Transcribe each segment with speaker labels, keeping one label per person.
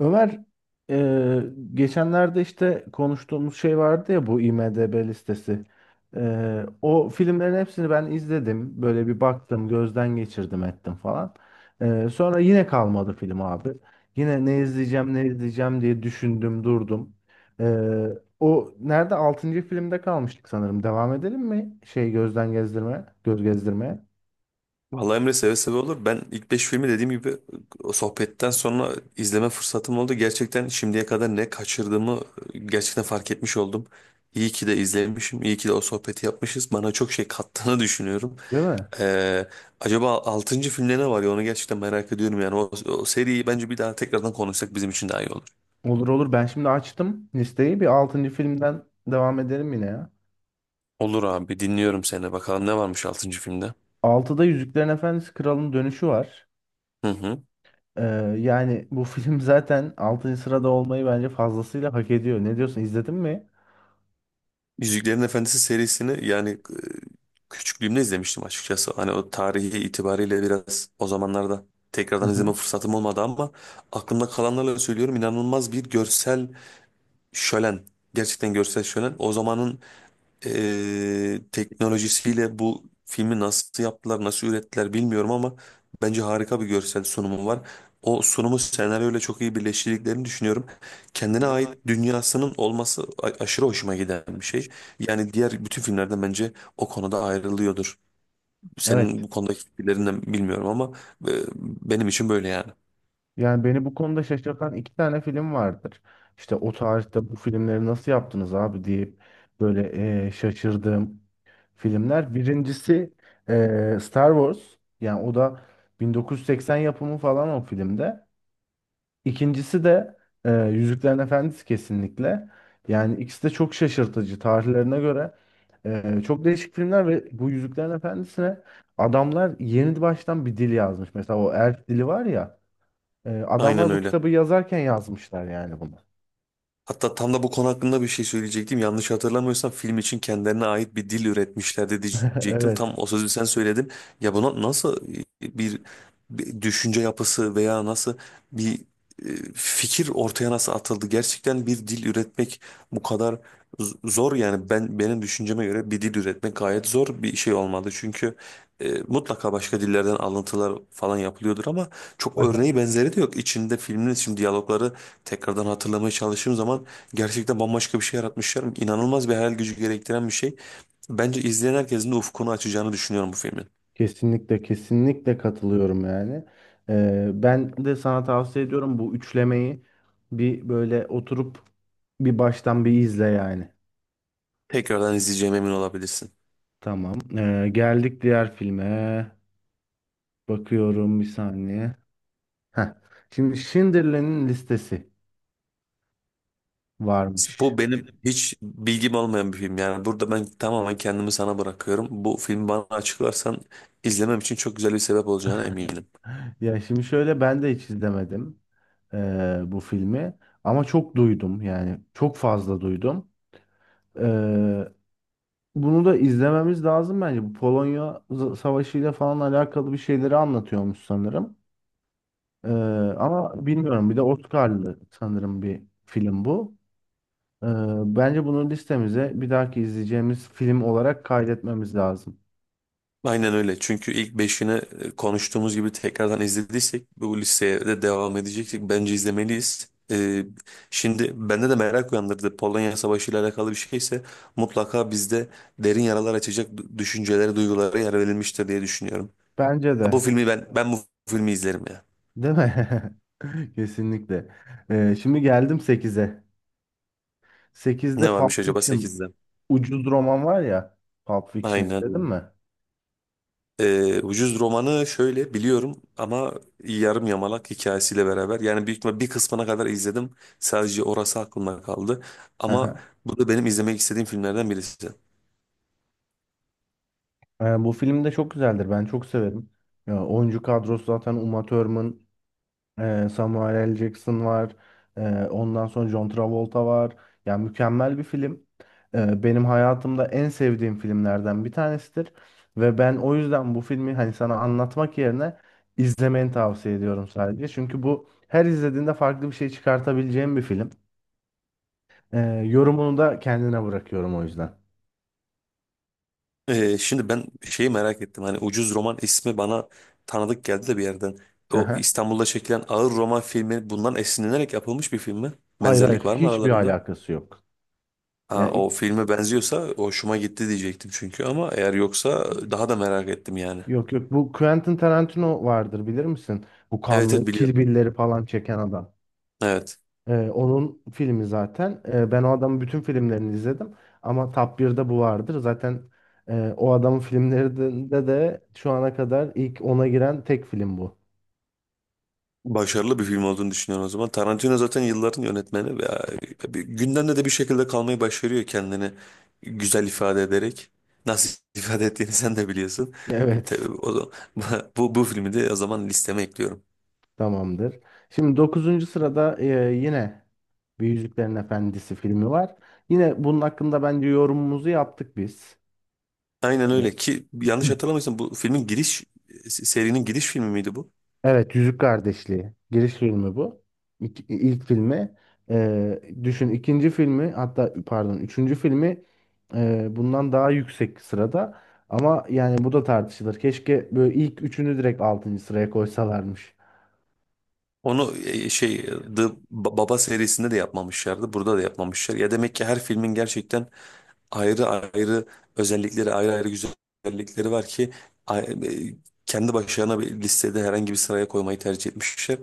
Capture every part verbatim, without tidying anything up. Speaker 1: Ömer e, geçenlerde işte konuştuğumuz şey vardı ya bu IMDb listesi. E, o filmlerin hepsini ben izledim. Böyle bir baktım, gözden geçirdim ettim falan. E, sonra yine kalmadı film abi. Yine ne izleyeceğim ne izleyeceğim diye düşündüm durdum. E, o nerede? Altıncı filmde kalmıştık sanırım. Devam edelim mi? Şey gözden gezdirme, göz gezdirmeye.
Speaker 2: Vallahi Emre seve seve olur. Ben ilk beş filmi dediğim gibi o sohbetten sonra izleme fırsatım oldu. Gerçekten şimdiye kadar ne kaçırdığımı gerçekten fark etmiş oldum. İyi ki de izlemişim. İyi ki de o sohbeti yapmışız. Bana çok şey kattığını düşünüyorum.
Speaker 1: Değil mi?
Speaker 2: Ee, acaba altıncı filmde ne var ya onu gerçekten merak ediyorum. Yani o, o seriyi bence bir daha tekrardan konuşsak bizim için daha iyi olur.
Speaker 1: Olur olur. Ben şimdi açtım listeyi. Bir altıncı filmden devam edelim yine ya.
Speaker 2: Olur abi, dinliyorum seni. Bakalım ne varmış altıncı filmde.
Speaker 1: Altıda Yüzüklerin Efendisi Kral'ın dönüşü var.
Speaker 2: Hı hı.
Speaker 1: Ee, yani bu film zaten altıncı sırada olmayı bence fazlasıyla hak ediyor. Ne diyorsun? İzledin mi?
Speaker 2: Yüzüklerin Efendisi serisini yani e, küçüklüğümde izlemiştim açıkçası. Hani o tarihi itibariyle biraz o zamanlarda
Speaker 1: Hı
Speaker 2: tekrardan izleme
Speaker 1: hı.
Speaker 2: fırsatım olmadı ama aklımda kalanlarla söylüyorum, inanılmaz bir görsel şölen. Gerçekten görsel şölen. O zamanın e, teknolojisiyle bu filmi nasıl yaptılar, nasıl ürettiler bilmiyorum ama bence harika bir görsel sunumu var. O sunumu senaryoyla çok iyi birleştirdiklerini düşünüyorum. Kendine ait dünyasının olması a- aşırı hoşuma giden bir şey. Yani diğer bütün filmlerden bence o konuda ayrılıyordur. Senin
Speaker 1: Evet.
Speaker 2: bu konudaki fikirlerinden bilmiyorum ama e, benim için böyle yani.
Speaker 1: Yani beni bu konuda şaşırtan iki tane film vardır. İşte o tarihte bu filmleri nasıl yaptınız abi diye böyle e, şaşırdığım filmler. Birincisi e, Star Wars. Yani o da bin dokuz yüz seksen yapımı falan o filmde. İkincisi de e, Yüzüklerin Efendisi kesinlikle. Yani ikisi de çok şaşırtıcı tarihlerine göre. e, çok değişik filmler ve bu Yüzüklerin Efendisi'ne adamlar yeni baştan bir dil yazmış. Mesela o elf dili var ya. e,
Speaker 2: Aynen
Speaker 1: adamlar bu
Speaker 2: öyle.
Speaker 1: kitabı yazarken yazmışlar yani bunu.
Speaker 2: Hatta tam da bu konu hakkında bir şey söyleyecektim. Yanlış hatırlamıyorsam film için kendilerine ait bir dil üretmişlerdi diyecektim. Tam
Speaker 1: Evet.
Speaker 2: o sözü sen söyledin. Ya buna nasıl e, bir, bir düşünce yapısı veya nasıl bir e, fikir ortaya nasıl atıldı? Gerçekten bir dil üretmek bu kadar z- zor yani ben benim düşünceme göre bir dil üretmek gayet zor bir şey olmadı. Çünkü e, mutlaka başka dillerden alıntılar falan yapılıyordur ama çok
Speaker 1: Aha.
Speaker 2: örneği benzeri de yok. İçinde filmin için diyalogları tekrardan hatırlamaya çalıştığım zaman gerçekten bambaşka bir şey yaratmışlar. İnanılmaz bir hayal gücü gerektiren bir şey. Bence izleyen herkesin de ufkunu açacağını düşünüyorum bu filmin.
Speaker 1: Kesinlikle kesinlikle katılıyorum yani. E, ben de sana tavsiye ediyorum bu üçlemeyi bir böyle oturup bir baştan bir izle yani.
Speaker 2: Tekrardan izleyeceğime emin olabilirsin.
Speaker 1: Tamam. Ee, geldik diğer filme. Bakıyorum bir saniye. Heh. Şimdi Schindler'in listesi varmış.
Speaker 2: Bu benim hiç bilgim olmayan bir film. Yani burada ben tamamen kendimi sana bırakıyorum. Bu filmi bana açıklarsan izlemem için çok güzel bir sebep olacağına eminim.
Speaker 1: Ya şimdi şöyle ben de hiç izlemedim ee, bu filmi. Ama çok duydum yani. Çok fazla duydum. Ee, bunu da izlememiz lazım bence. Bu Polonya z- Savaşı ile falan alakalı bir şeyleri anlatıyormuş sanırım. Ee, ama bilmiyorum. Bir de Oscar'lı sanırım bir film bu. Ee, Bence bunu listemize bir dahaki izleyeceğimiz film olarak kaydetmemiz lazım.
Speaker 2: Aynen öyle. Çünkü ilk beşini e, konuştuğumuz gibi tekrardan izlediysek bu listeye de devam edeceksek bence izlemeliyiz. Ee, şimdi bende de merak uyandırdı. Polonya Savaşı ile alakalı bir şeyse mutlaka bizde derin yaralar açacak du- düşüncelere, duygulara yer verilmiştir diye düşünüyorum.
Speaker 1: Bence
Speaker 2: Ha, bu
Speaker 1: de.
Speaker 2: filmi ben ben bu filmi izlerim ya.
Speaker 1: Değil mi? Kesinlikle. Ee, şimdi geldim sekize.
Speaker 2: Ne
Speaker 1: sekizde
Speaker 2: varmış
Speaker 1: Pulp
Speaker 2: acaba
Speaker 1: Fiction
Speaker 2: sekizde?
Speaker 1: ucuz roman var ya. Pulp Fiction
Speaker 2: Aynen
Speaker 1: izledin
Speaker 2: öyle.
Speaker 1: mi?
Speaker 2: Ee, Ucuz romanı şöyle biliyorum ama yarım yamalak hikayesiyle beraber yani büyük ihtimal bir kısmına kadar izledim. Sadece orası aklımda kaldı. Ama bu da benim izlemek istediğim filmlerden birisi.
Speaker 1: Ee, bu film de çok güzeldir. Ben çok severim. Ya, oyuncu kadrosu zaten Uma Thurman, Ee, Samuel L. Jackson var. Ee, ondan sonra John Travolta var. Yani mükemmel bir film. Ee, benim hayatımda en sevdiğim filmlerden bir tanesidir. Ve ben o yüzden bu filmi hani sana anlatmak yerine izlemeni tavsiye ediyorum sadece. Çünkü bu her izlediğinde farklı bir şey çıkartabileceğim bir film. Ee, yorumunu da kendine bırakıyorum o yüzden.
Speaker 2: Ee, şimdi ben şeyi merak ettim. Hani Ucuz Roman ismi bana tanıdık geldi de bir yerden.
Speaker 1: Hı
Speaker 2: O
Speaker 1: hı.
Speaker 2: İstanbul'da çekilen ağır roman filmi bundan esinlenerek yapılmış bir film mi?
Speaker 1: Hayır hayır
Speaker 2: Benzerlik var mı
Speaker 1: hiçbir
Speaker 2: aralarında?
Speaker 1: alakası yok.
Speaker 2: Ha,
Speaker 1: Yani
Speaker 2: o
Speaker 1: ilk-
Speaker 2: filme benziyorsa hoşuma gitti diyecektim çünkü, ama eğer yoksa daha da merak ettim yani.
Speaker 1: yok yok bu Quentin Tarantino vardır bilir misin? Bu
Speaker 2: Evet,
Speaker 1: kanlı
Speaker 2: evet
Speaker 1: Kill
Speaker 2: biliyorum.
Speaker 1: Bill'leri falan çeken adam.
Speaker 2: Evet.
Speaker 1: Ee, onun filmi zaten. Ee, ben o adamın bütün filmlerini izledim. Ama Top birde bu vardır. Zaten e, o adamın filmlerinde de şu ana kadar ilk ona giren tek film bu.
Speaker 2: Başarılı bir film olduğunu düşünüyorum o zaman. Tarantino zaten yılların yönetmeni ve e, bir- gündemde de bir şekilde kalmayı başarıyor kendini güzel ifade ederek. Nasıl ifade ettiğini sen de biliyorsun.
Speaker 1: Evet.
Speaker 2: Tabii o zaman, bu, bu filmi de o zaman listeme ekliyorum.
Speaker 1: Tamamdır. Şimdi dokuzuncu sırada e, yine bir Yüzüklerin Efendisi filmi var. Yine bunun hakkında bence yorumumuzu yaptık biz.
Speaker 2: Aynen öyle ki yanlış hatırlamıyorsam bu filmin giriş serinin giriş filmi miydi bu?
Speaker 1: Evet, Yüzük Kardeşliği. Giriş filmi bu. İlk, ilk filmi. Ee, düşün ikinci filmi hatta pardon üçüncü filmi e, bundan daha yüksek sırada. Ama yani bu da tartışılır. Keşke böyle ilk üçünü direkt altıncı sıraya koysalarmış.
Speaker 2: Onu e, şey e, The Baba serisinde de yapmamışlardı. Burada da yapmamışlar. Ya demek ki her filmin gerçekten ayrı ayrı özellikleri, ayrı ayrı güzellikleri var ki a- e, kendi başlarına bir listede herhangi bir sıraya koymayı tercih etmişler.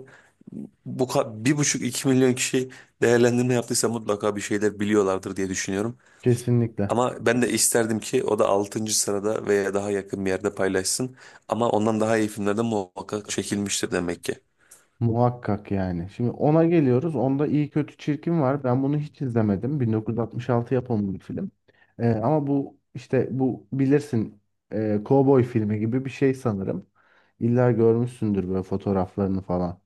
Speaker 2: Bu ka- bir buçuk iki milyon kişi değerlendirme yaptıysa mutlaka bir şeyler biliyorlardır diye düşünüyorum.
Speaker 1: Kesinlikle.
Speaker 2: Ama ben de isterdim ki o da altıncı sırada veya daha yakın bir yerde paylaşsın. Ama ondan daha iyi filmler de muhakkak çekilmiştir demek ki.
Speaker 1: Muhakkak yani. Şimdi ona geliyoruz. Onda iyi kötü çirkin var. Ben bunu hiç izlemedim. bin dokuz yüz altmış altı yapımı bir film. Ee, ama bu işte bu bilirsin e, kovboy filmi gibi bir şey sanırım. İlla görmüşsündür böyle fotoğraflarını falan.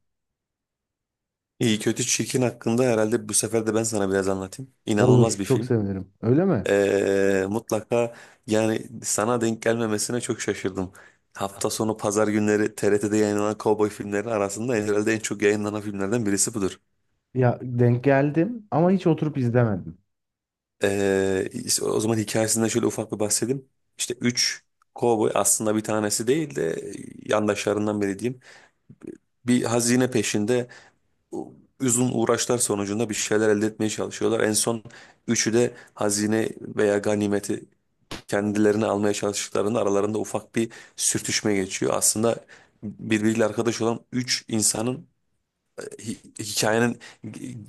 Speaker 2: İyi kötü çirkin hakkında herhalde bu sefer de ben sana biraz anlatayım.
Speaker 1: Olur,
Speaker 2: İnanılmaz bir
Speaker 1: çok
Speaker 2: film.
Speaker 1: sevinirim. Öyle mi?
Speaker 2: Ee, mutlaka yani sana denk gelmemesine çok şaşırdım. Hafta sonu pazar günleri T R T'de yayınlanan kovboy filmleri arasında herhalde en çok yayınlanan filmlerden birisi budur.
Speaker 1: Ya denk geldim ama hiç oturup izlemedim.
Speaker 2: Ee, işte o zaman hikayesinden şöyle ufak bir bahsedeyim. İşte üç kovboy, aslında bir tanesi değil de yandaşlarından biri diyeyim. Bir hazine peşinde uzun uğraşlar sonucunda bir şeyler elde etmeye çalışıyorlar. En son üçü de hazine veya ganimeti kendilerine almaya çalıştıklarında aralarında ufak bir sürtüşme geçiyor. Aslında birbiriyle arkadaş olan üç insanın e, hi- hikayenin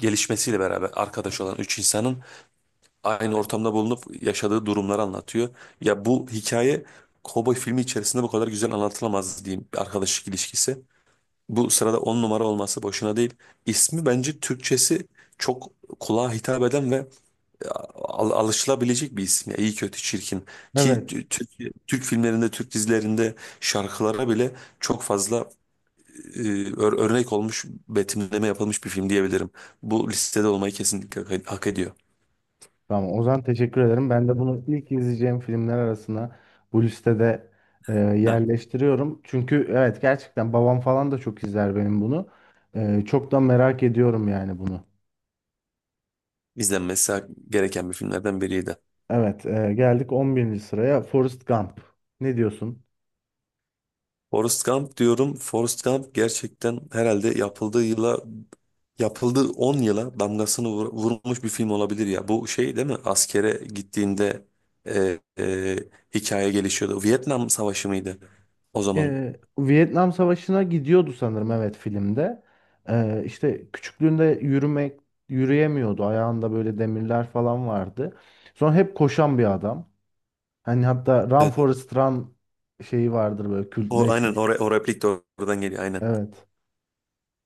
Speaker 2: gelişmesiyle beraber arkadaş olan üç insanın aynı ortamda bulunup yaşadığı durumları anlatıyor. Ya bu hikaye, kovboy filmi içerisinde bu kadar güzel anlatılamaz diyeyim, bir arkadaşlık ilişkisi. Bu sırada on numara olması boşuna değil. İsmi bence Türkçesi çok kulağa hitap eden ve e, al- alışılabilecek bir isim. Ya, iyi kötü çirkin. Ki
Speaker 1: Evet.
Speaker 2: t- Türk, Türk filmlerinde, Türk dizilerinde şarkılara bile çok fazla e, ör- örnek olmuş, betimleme yapılmış bir film diyebilirim. Bu listede olmayı kesinlikle hak hak ediyor.
Speaker 1: Tamam Ozan, teşekkür ederim. Ben de bunu ilk izleyeceğim filmler arasına bu listede e,
Speaker 2: Heh,
Speaker 1: yerleştiriyorum. Çünkü evet gerçekten babam falan da çok izler benim bunu. E, çok da merak ediyorum yani bunu.
Speaker 2: izlenmesi gereken bir filmlerden biriydi.
Speaker 1: Evet, e, geldik on birinci sıraya Forrest Gump. Ne diyorsun?
Speaker 2: Forrest Gump diyorum. Forrest Gump gerçekten herhalde yapıldığı yıla yapıldığı on yıla damgasını vur- vurmuş bir film olabilir ya. Bu şey değil mi? Askere gittiğinde e, e, hikaye gelişiyordu. Vietnam Savaşı mıydı o zaman?
Speaker 1: E, Vietnam Savaşı'na gidiyordu sanırım evet filmde. E, işte küçüklüğünde yürümek yürüyemiyordu. Ayağında böyle demirler falan vardı. Sonra hep koşan bir adam. Hani hatta Run
Speaker 2: Evet.
Speaker 1: Forest Run şeyi vardır böyle
Speaker 2: O, aynen
Speaker 1: kültleşmiş.
Speaker 2: o, re- o replik de oradan geliyor aynen.
Speaker 1: Evet.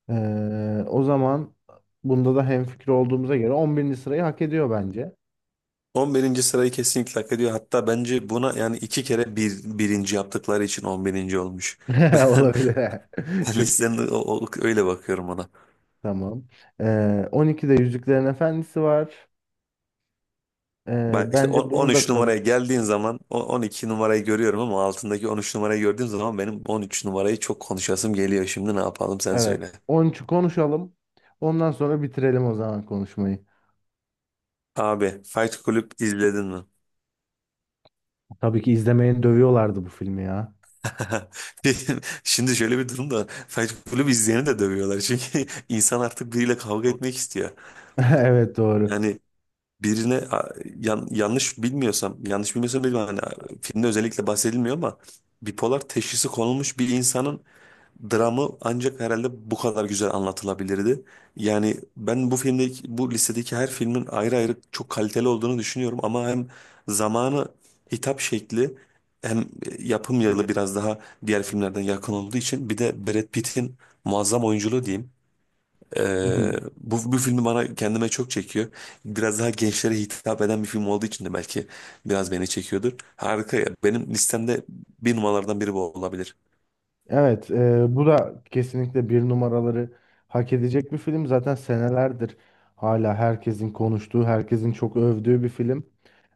Speaker 1: Ee, o zaman bunda da hemfikir olduğumuza göre on birinci sırayı hak ediyor bence.
Speaker 2: On birinci sırayı kesinlikle hak ediyor. Hatta bence buna yani iki kere bir, birinci yaptıkları için on birinci olmuş. Ben,
Speaker 1: Olabilir.
Speaker 2: ben
Speaker 1: Çok iyi.
Speaker 2: listenin o- o- öyle bakıyorum ona.
Speaker 1: Tamam. Ee, on ikide Yüzüklerin Efendisi var. Ee,
Speaker 2: Bak işte
Speaker 1: bence
Speaker 2: on-
Speaker 1: bunu da
Speaker 2: 13
Speaker 1: konu.
Speaker 2: numaraya geldiğin zaman o- on iki numarayı görüyorum ama altındaki on üç numarayı gördüğüm zaman benim on üç numarayı çok konuşasım geliyor. Şimdi ne yapalım sen
Speaker 1: Evet.
Speaker 2: söyle.
Speaker 1: on üçü konuşalım. Ondan sonra bitirelim o zaman konuşmayı.
Speaker 2: Abi Fight Club izledin mi?
Speaker 1: Tabii ki izlemeyen dövüyorlardı bu filmi ya.
Speaker 2: Şimdi şöyle bir durum da var. Fight Club izleyeni de dövüyorlar. Çünkü insan artık biriyle kavga etmek istiyor.
Speaker 1: Evet, doğru.
Speaker 2: Yani birine a- yan- yanlış bilmiyorsam, yanlış bilmiyorsam bilmem hani a- filmde özellikle bahsedilmiyor ama bipolar teşhisi konulmuş bir insanın dramı ancak herhalde bu kadar güzel anlatılabilirdi. Yani ben bu filmdeki, bu listedeki her filmin ayrı ayrı çok kaliteli olduğunu düşünüyorum ama hem zamanı, hitap şekli, hem yapım yılı biraz daha diğer filmlerden yakın olduğu için bir de Brad Pitt'in muazzam oyunculuğu diyeyim. Ee, bu, bu filmi bana kendime çok çekiyor. Biraz daha gençlere hitap eden bir film olduğu için de belki biraz beni çekiyordur. Harika ya. Benim listemde bir numaralardan biri bu olabilir.
Speaker 1: Evet, e, bu da kesinlikle bir numaraları hak edecek bir film. Zaten senelerdir hala herkesin konuştuğu, herkesin çok övdüğü bir film.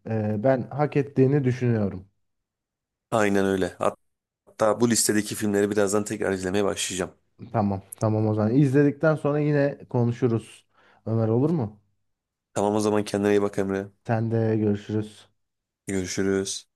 Speaker 1: E, ben hak ettiğini düşünüyorum.
Speaker 2: Aynen öyle. Hatta bu listedeki filmleri birazdan tekrar izlemeye başlayacağım.
Speaker 1: Tamam, tamam o zaman. İzledikten sonra yine konuşuruz. Ömer, olur mu?
Speaker 2: Tamam o zaman, kendine iyi bak Emre.
Speaker 1: Sen de görüşürüz.
Speaker 2: Görüşürüz.